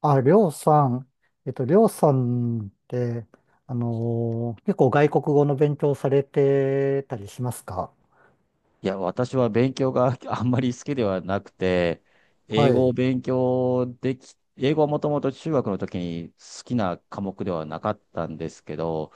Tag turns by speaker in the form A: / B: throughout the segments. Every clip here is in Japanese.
A: あ、りょうさん、りょうさんって、結構外国語の勉強されてたりしますか？
B: いや、私は勉強が あんまり好きではなくて、
A: は
B: 英語を
A: い。
B: 勉強でき、英語はもともと中学の時に好きな科目ではなかったんですけど、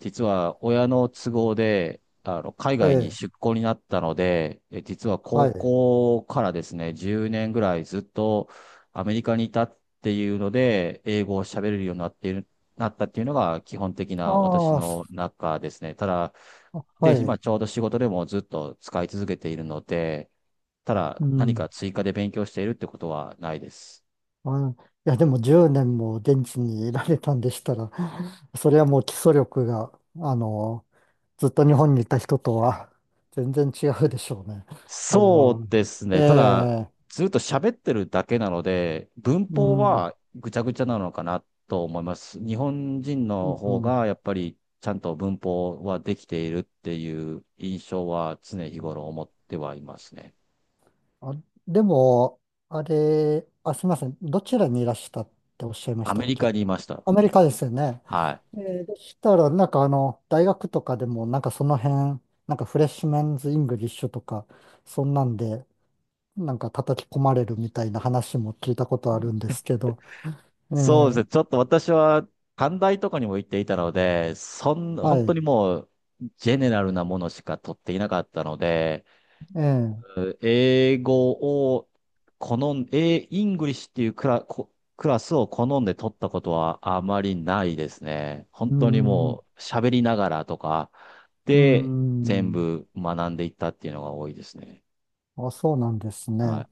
B: 実は親の都合で、海
A: え
B: 外に
A: え、
B: 出向になったので、実は
A: は
B: 高
A: い。
B: 校からですね、10年ぐらいずっとアメリカにいたっていうので、英語を喋れるようになっている、なったっていうのが基本的な私
A: ああ、す、
B: の中ですね。ただ、
A: は
B: で、今ちょ
A: い。
B: うど仕事でもずっと使い続けているので、ただ
A: う
B: 何か
A: ん。
B: 追加で勉強しているってことはないです。
A: あ、いや、でも10年も現地にいられたんでしたら、それはもう基礎力が、あのーずっと日本にいた人とは全然違うでしょうね。それ
B: そ
A: は。
B: うです
A: え
B: ね。ただ、
A: え、
B: ずっと喋ってるだけなので、文
A: う
B: 法
A: ん、
B: はぐちゃぐちゃなのかなと思います。日本人
A: う
B: の方
A: ん。
B: がやっぱりちゃんと文法はできているっていう印象は常日頃思ってはいますね。
A: あ、でも、あれ、あ、すみません。どちらにいらしたっておっしゃいまし
B: ア
A: た
B: メ
A: っ
B: リカ
A: け？
B: にいました。
A: アメリカですよね。
B: はい。
A: えー、でしたら、なんかあの、大学とかでも、なんかその辺、なんかフレッシュメンズ・イングリッシュとか、そんなんで、なんか叩き込まれるみたいな話も聞いたことあるんですけど、え
B: そうですね。
A: ー、
B: ちょっと私は短大とかにも行っていたので、
A: は
B: 本当
A: い、
B: にもうジェネラルなものしか取っていなかったので、
A: えー、
B: 英語を好ん、英、イングリッシュっていうクラ、こクラスを好んで取ったことはあまりないですね。本
A: うー
B: 当に
A: ん、う
B: もう喋りながらとか
A: ー
B: で全
A: ん、
B: 部学んでいったっていうのが多いですね。
A: あ、そうなんです
B: はい。
A: ね。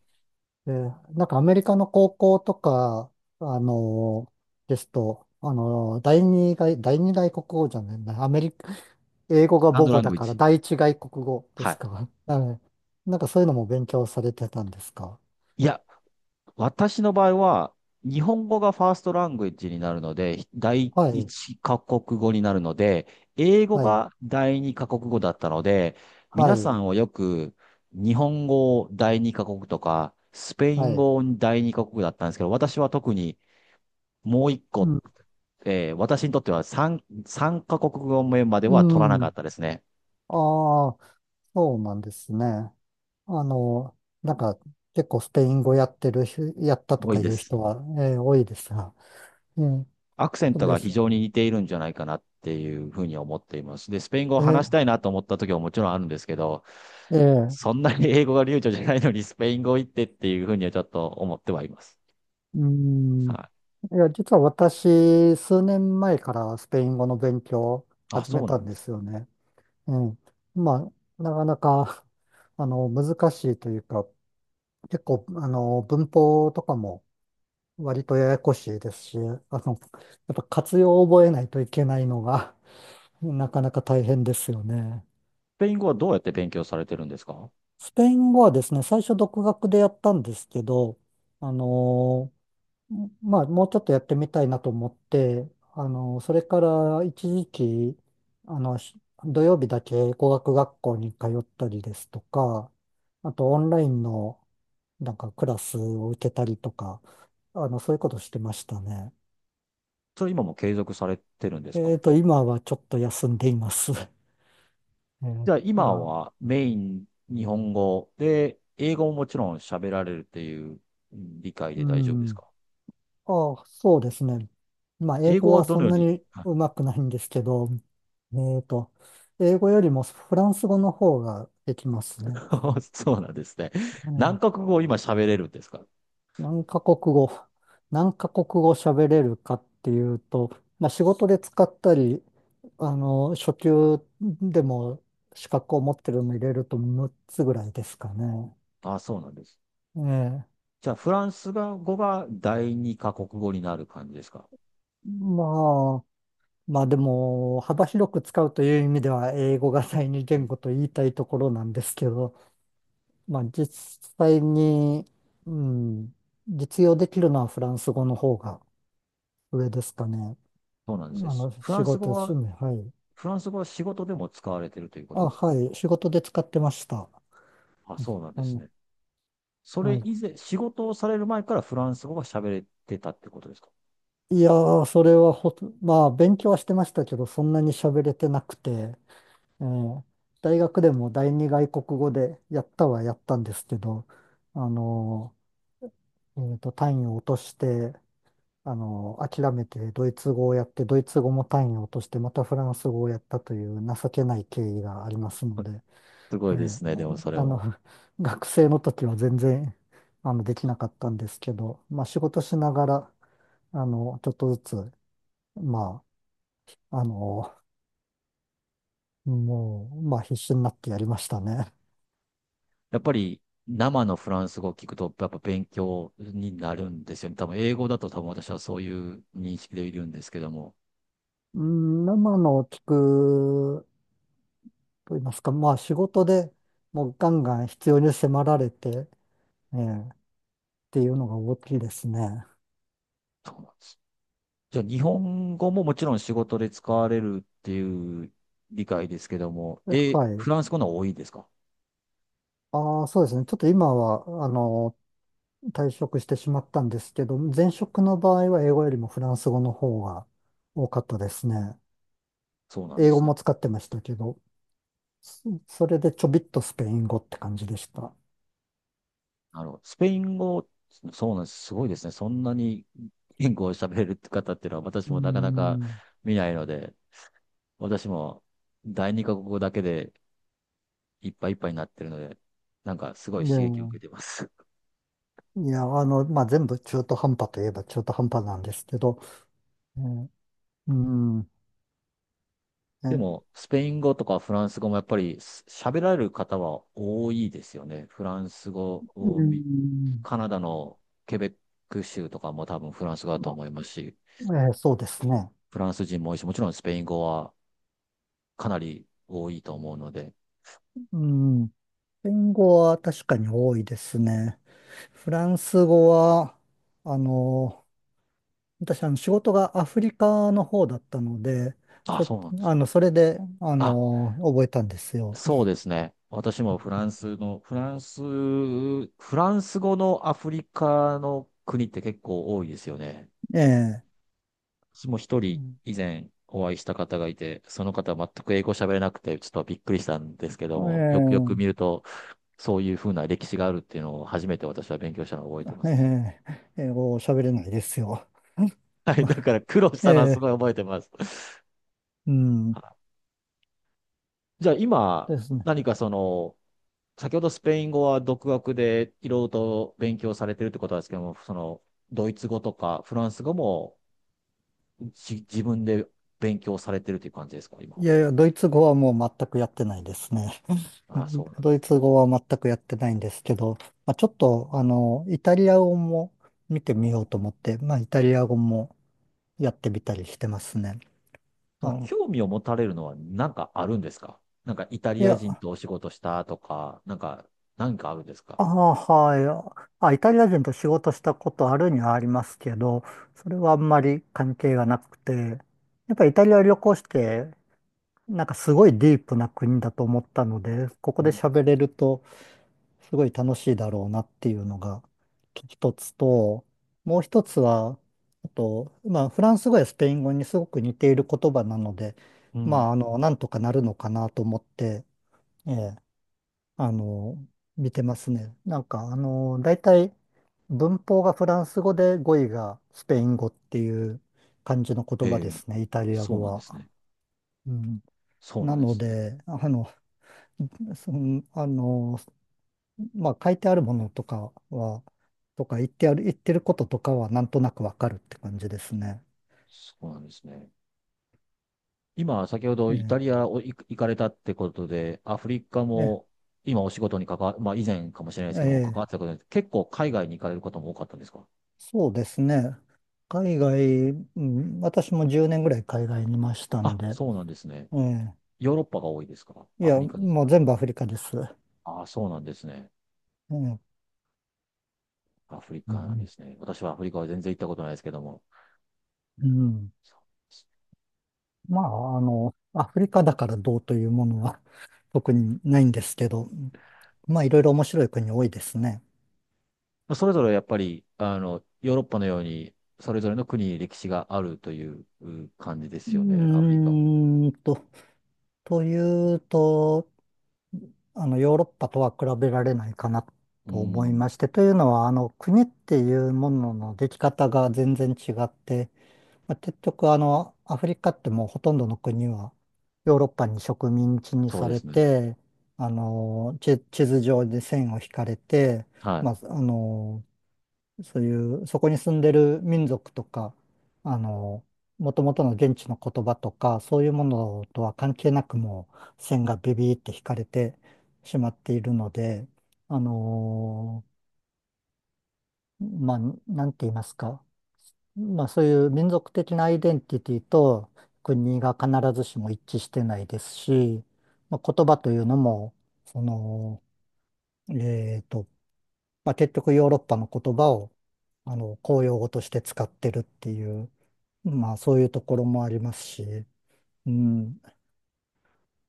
A: えー、なんかアメリカの高校とか、あのーですと、第二外、第二外国語じゃないな、アメリカ、英語
B: セ
A: が
B: カン
A: 母
B: ド
A: 語
B: ラン
A: だ
B: グイッ
A: から
B: ジ。
A: 第一外国語で
B: は
A: す
B: い。
A: か？はい。なんかそういうのも勉強されてたんですか？
B: いや、私の場合は、日本語がファーストラングエッジになるので、第
A: はい、
B: 一カ国語になるので、英語
A: はい、
B: が第二カ国語だったので、
A: は
B: 皆さ
A: い、
B: んはよく日本語を第二カ国とか、スペイ
A: は
B: ン
A: い。
B: 語を第二カ国だったんですけど、私は特にもう一
A: う
B: 個、
A: ん、
B: 私にとっては三カ国語目まで
A: う
B: は取らなかっ
A: ん。
B: たですね。
A: ああ、そうなんですね。あの、なんか結構スペイン語やってる人、やったと
B: 多い
A: かい
B: で
A: う
B: す。
A: 人は、えー、多いですが。うん、
B: アクセン
A: そう
B: ト
A: で
B: が非
A: す。
B: 常に似ているんじゃないかなっていうふうに思っています。で、スペイン語を
A: え
B: 話し
A: ー、
B: たいなと思った時はもちろんあるんですけど、
A: え
B: そ
A: え、
B: んなに英語が流暢じゃないのにスペイン語行ってっていうふうにはちょっと思ってはいます。
A: うん。い
B: は
A: や、実は私、数年前からスペイン語の勉強を
B: い。あ、
A: 始め
B: そう
A: た
B: なん
A: ん
B: で
A: で
B: す。
A: すよね。うん。まあ、なかなか、あの、難しいというか、結構、あの、文法とかも割とややこしいですし、あの、やっぱ活用を覚えないといけないのが、なかなか大変ですよね。
B: スペイン語はどうやって勉強されてるんですか？
A: スペイン語はですね、最初独学でやったんですけど、あの、まあ、もうちょっとやってみたいなと思って、あの、それから一時期、あの、し、土曜日だけ語学学校に通ったりですとか、あとオンラインのなんかクラスを受けたりとか、あの、そういうことしてましたね。
B: それ今も継続されてるんですか？
A: 今はちょっと休んでいます。えー
B: じゃあ今
A: が、
B: はメイン日本語で、英語ももちろん喋られるっていう理解
A: う
B: で大丈夫です
A: ん。
B: か？
A: ああ、そうですね。まあ、英
B: 英
A: 語
B: 語は
A: は
B: ど
A: そ
B: の
A: ん
B: よう
A: な
B: に、
A: に
B: はい。
A: うまくないんですけど、えっと、英語よりもフランス語の方ができますね。
B: そうなんですね。
A: う
B: 何
A: ん、
B: カ国語を今喋れるんですか？
A: 何カ国語、何カ国語喋れるかっていうと、まあ、仕事で使ったり、あの、初級でも資格を持ってるの入れると6つぐらいですかね。
B: あ、そうなんです。
A: ええ、
B: じゃあ、フランス語が第二カ国語になる感じですか？
A: まあ、まあでも、幅広く使うという意味では、英語が第二
B: う
A: 言
B: ん、
A: 語と言いたいところなんですけど、まあ実際に、うん、実用できるのはフランス語の方が上ですかね。
B: そうなん
A: あ
B: ですね。
A: の、
B: フラ
A: 仕
B: ンス
A: 事、
B: 語
A: 趣
B: は、
A: 味、はい。
B: フランス語は仕事でも使われてるというこ
A: あ、
B: とですか？
A: はい、仕事で使ってました。
B: あ、そうなんで
A: あ
B: す
A: の、
B: ね。そ
A: は
B: れ
A: い。
B: 以前、仕事をされる前からフランス語が喋れてたってことですか？
A: いやー、それはほと、まあ勉強はしてましたけど、そんなに喋れてなくて、えー、大学でも第二外国語でやったはやったんですけど、あの、単位を落として、あの、諦めてドイツ語をやって、ドイツ語も単位を落として、またフランス語をやったという情けない経緯がありますの で、
B: すご
A: え
B: いで
A: え、
B: すね。でもそれ
A: あの、
B: も。
A: 学生の時は全然、あの、できなかったんですけど、まあ、仕事しながら、あの、ちょっとずつ、まあ、あの、もう、まあ、必死になってやりましたね。
B: やっぱり生のフランス語を聞くと、やっぱ勉強になるんですよね。多分英語だと多分私はそういう認識でいるんですけども。
A: うん、生のを聞くと言いますか、まあ、仕事でもうガンガン必要に迫られて、ええ、っていうのが大きいですね。
B: そうなんです。じゃあ、日本語ももちろん仕事で使われるっていう理解ですけども、
A: は
B: え、フ
A: い。
B: ランス語の方が多いですか？
A: ああ、そうですね。ちょっと今は、あの、退職してしまったんですけど、前職の場合は英語よりもフランス語の方が多かったですね。
B: そうなんで
A: 英語
B: すね。
A: も使ってましたけど、そ、それでちょびっとスペイン語って感じでした。
B: なるほど。スペイン語、そうなんです。すごいですね。そんなに言語を喋れるって方っていうのは私
A: うー
B: もなかなか
A: ん。
B: 見ないので、私も第二カ国語だけでいっぱいいっぱいになってるので、なんかすご
A: で
B: い刺激を
A: も、
B: 受けてます。
A: いや、あの、まあ、全部中途半端といえば中途半端なんですけど、えー、うーん、え
B: で
A: ー、
B: も、スペイン語とかフランス語もやっぱり喋られる方は多いですよね。フランス語
A: う
B: を
A: ー
B: 見
A: ん、
B: カナダのケベック州とかも多分フランス語だと
A: ま
B: 思いますし、
A: あ、えー、そうですね。
B: フランス人も多いし、もちろんスペイン語はかなり多いと思うので、
A: うーん。スペイン語は確かに多いですね。フランス語は、あの、私、あの、仕事がアフリカの方だったので、
B: あ、
A: そ、
B: そうなんです。
A: あの、それで、あ
B: あ、
A: の、覚えたんですよ。
B: そうですね。私もフランス語のアフリカの国って結構多いですよね。
A: ええ、
B: 私も一
A: う
B: 人
A: ん、
B: 以前お会いした方がいて、その方は全く英語喋れなくて、ちょっとびっくりしたんですけども、よくよく見
A: え
B: ると、そういうふうな歴史があるっていうのを初めて私は勉強したのを覚えてま
A: え、
B: すね。
A: ええ、英語を喋れないですよ。
B: はい。だ から苦労し
A: え
B: たのはす
A: え、
B: ごい覚えてます。
A: うん、
B: はい。じゃあ今、
A: ですね。
B: 何かその、先ほどスペイン語は独学でいろいろと勉強されてるってことなんですけども、その、ドイツ語とかフランス語も自分で勉強されてるという感じですか、今。
A: いやいや、ドイツ語はもう全くやってないですね。
B: ああ、そうな んで
A: ドイ
B: す。
A: ツ語は全くやってないんですけど、まあ、ちょっと、あの、イタリア語も見てみよう
B: お、
A: と思って、まあ、イタリア語もやってみたりしてますね。
B: そ
A: あ
B: の
A: の、
B: 興味を持たれるのは何かあるんですか？なんかイタ
A: い
B: リア
A: や、
B: 人とお仕事したとか、なんか、何かあるんですか？
A: ああ、はい。あ、イタリア人と仕事したことあるにはありますけど、それはあんまり関係がなくて、やっぱりイタリア旅行して、なんかすごいディープな国だと思ったので、ここ
B: う
A: で
B: ん。
A: 喋れると、すごい楽しいだろうなっていうのが一つと、もう一つは、あと、まあ、フランス語やスペイン語にすごく似ている言葉なので、
B: う
A: ま
B: ん。
A: あ、あの、なんとかなるのかなと思って、ええ、あの、見てますね。なんか、あの、大体、文法がフランス語で語彙がスペイン語っていう感じの
B: へ
A: 言葉で
B: え、
A: すね、イタリア
B: そう
A: 語
B: なんです
A: は。
B: ね。
A: うん、
B: そう
A: な
B: なんで
A: の
B: すね。
A: で、あの、そのあの、まあ書いてあるものとかは、とか言ってある、言ってることとかはなんとなくわかるって感じですね。
B: そうなんですね。今、先ほど
A: え
B: イタ
A: え、
B: リアを行かれたってことで、アフリカ
A: え
B: も今お仕事にまあ以前かもしれないですけども、関
A: え、
B: わ
A: え
B: って
A: え、
B: たことで、結構海外に行かれることも多かったんですか？
A: そうですね。海外、うん、私も10年ぐらい海外にいましたん
B: あ、
A: で、
B: そうなんですね。
A: え
B: ヨーロッパが多いですか？
A: え、い
B: アフ
A: や、
B: リカです。
A: もう全部アフリカです。
B: ああ、そうなんですね。
A: ええ、うん、
B: アフリ
A: う
B: カなんで
A: ん、
B: すね。私はアフリカは全然行ったことないですけども。
A: うん、
B: そうです。
A: まあ、あの、アフリカだからどうというものは 特にないんですけど、まあ、いろいろ面白い国多いですね。
B: まあそれぞれやっぱり、あの、ヨーロッパのように、それぞれの国に歴史があるという感じで
A: う
B: すよね、アフリカも。
A: ーんと、というと、あの、ヨーロッパとは比べられないかな
B: う
A: と思い
B: ん、
A: まして、というのは、あの、国っていうもののでき方が全然違って、まあ、結局、あの、アフリカってもうほとんどの国はヨーロッパに植民地に
B: そう
A: さ
B: で
A: れ
B: すね。
A: て、あの、地、地図上で線を引かれて、
B: はい。
A: まあ、あの、そういう、そこに住んでる民族とか、あの、もともとの現地の言葉とか、そういうものとは関係なくもう線がビビーって引かれてしまっているので、あの、まあ、なんて言いますか。まあ、そういう民族的なアイデンティティと国が必ずしも一致してないですし、まあ、言葉というのも、その、えっと、まあ、結局ヨーロッパの言葉をあの公用語として使ってるっていう、まあそういうところもありますし、うん、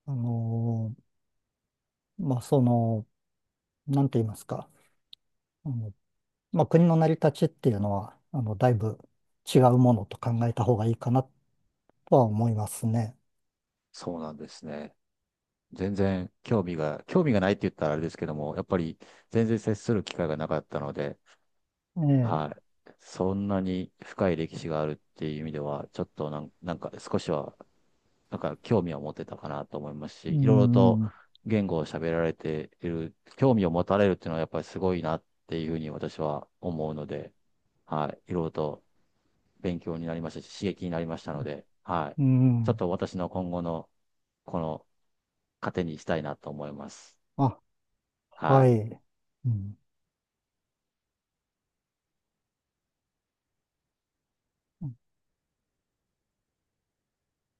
A: あの、まあその、なんて言いますか、あの、まあ、国の成り立ちっていうのは、あのだいぶ違うものと考えた方がいいかなとは思いますね。
B: そうなんですね。全然興味が、興味がないって言ったらあれですけども、やっぱり全然接する機会がなかったので、
A: ええ、
B: はい。そんなに深い歴史があるっていう意味では、ちょっとなんか少しは、なんか興味を持てたかなと思います
A: う
B: し、いろいろと
A: ん、
B: 言語を喋られている、興味を持たれるっていうのはやっぱりすごいなっていうふうに私は思うので、はい。いろいろと勉強になりましたし、刺激になりましたので、はい。
A: う
B: ちょっ
A: ん、
B: と私の今後の、この糧にしたいなと思います。
A: あ、
B: は
A: は
B: い。
A: い。うん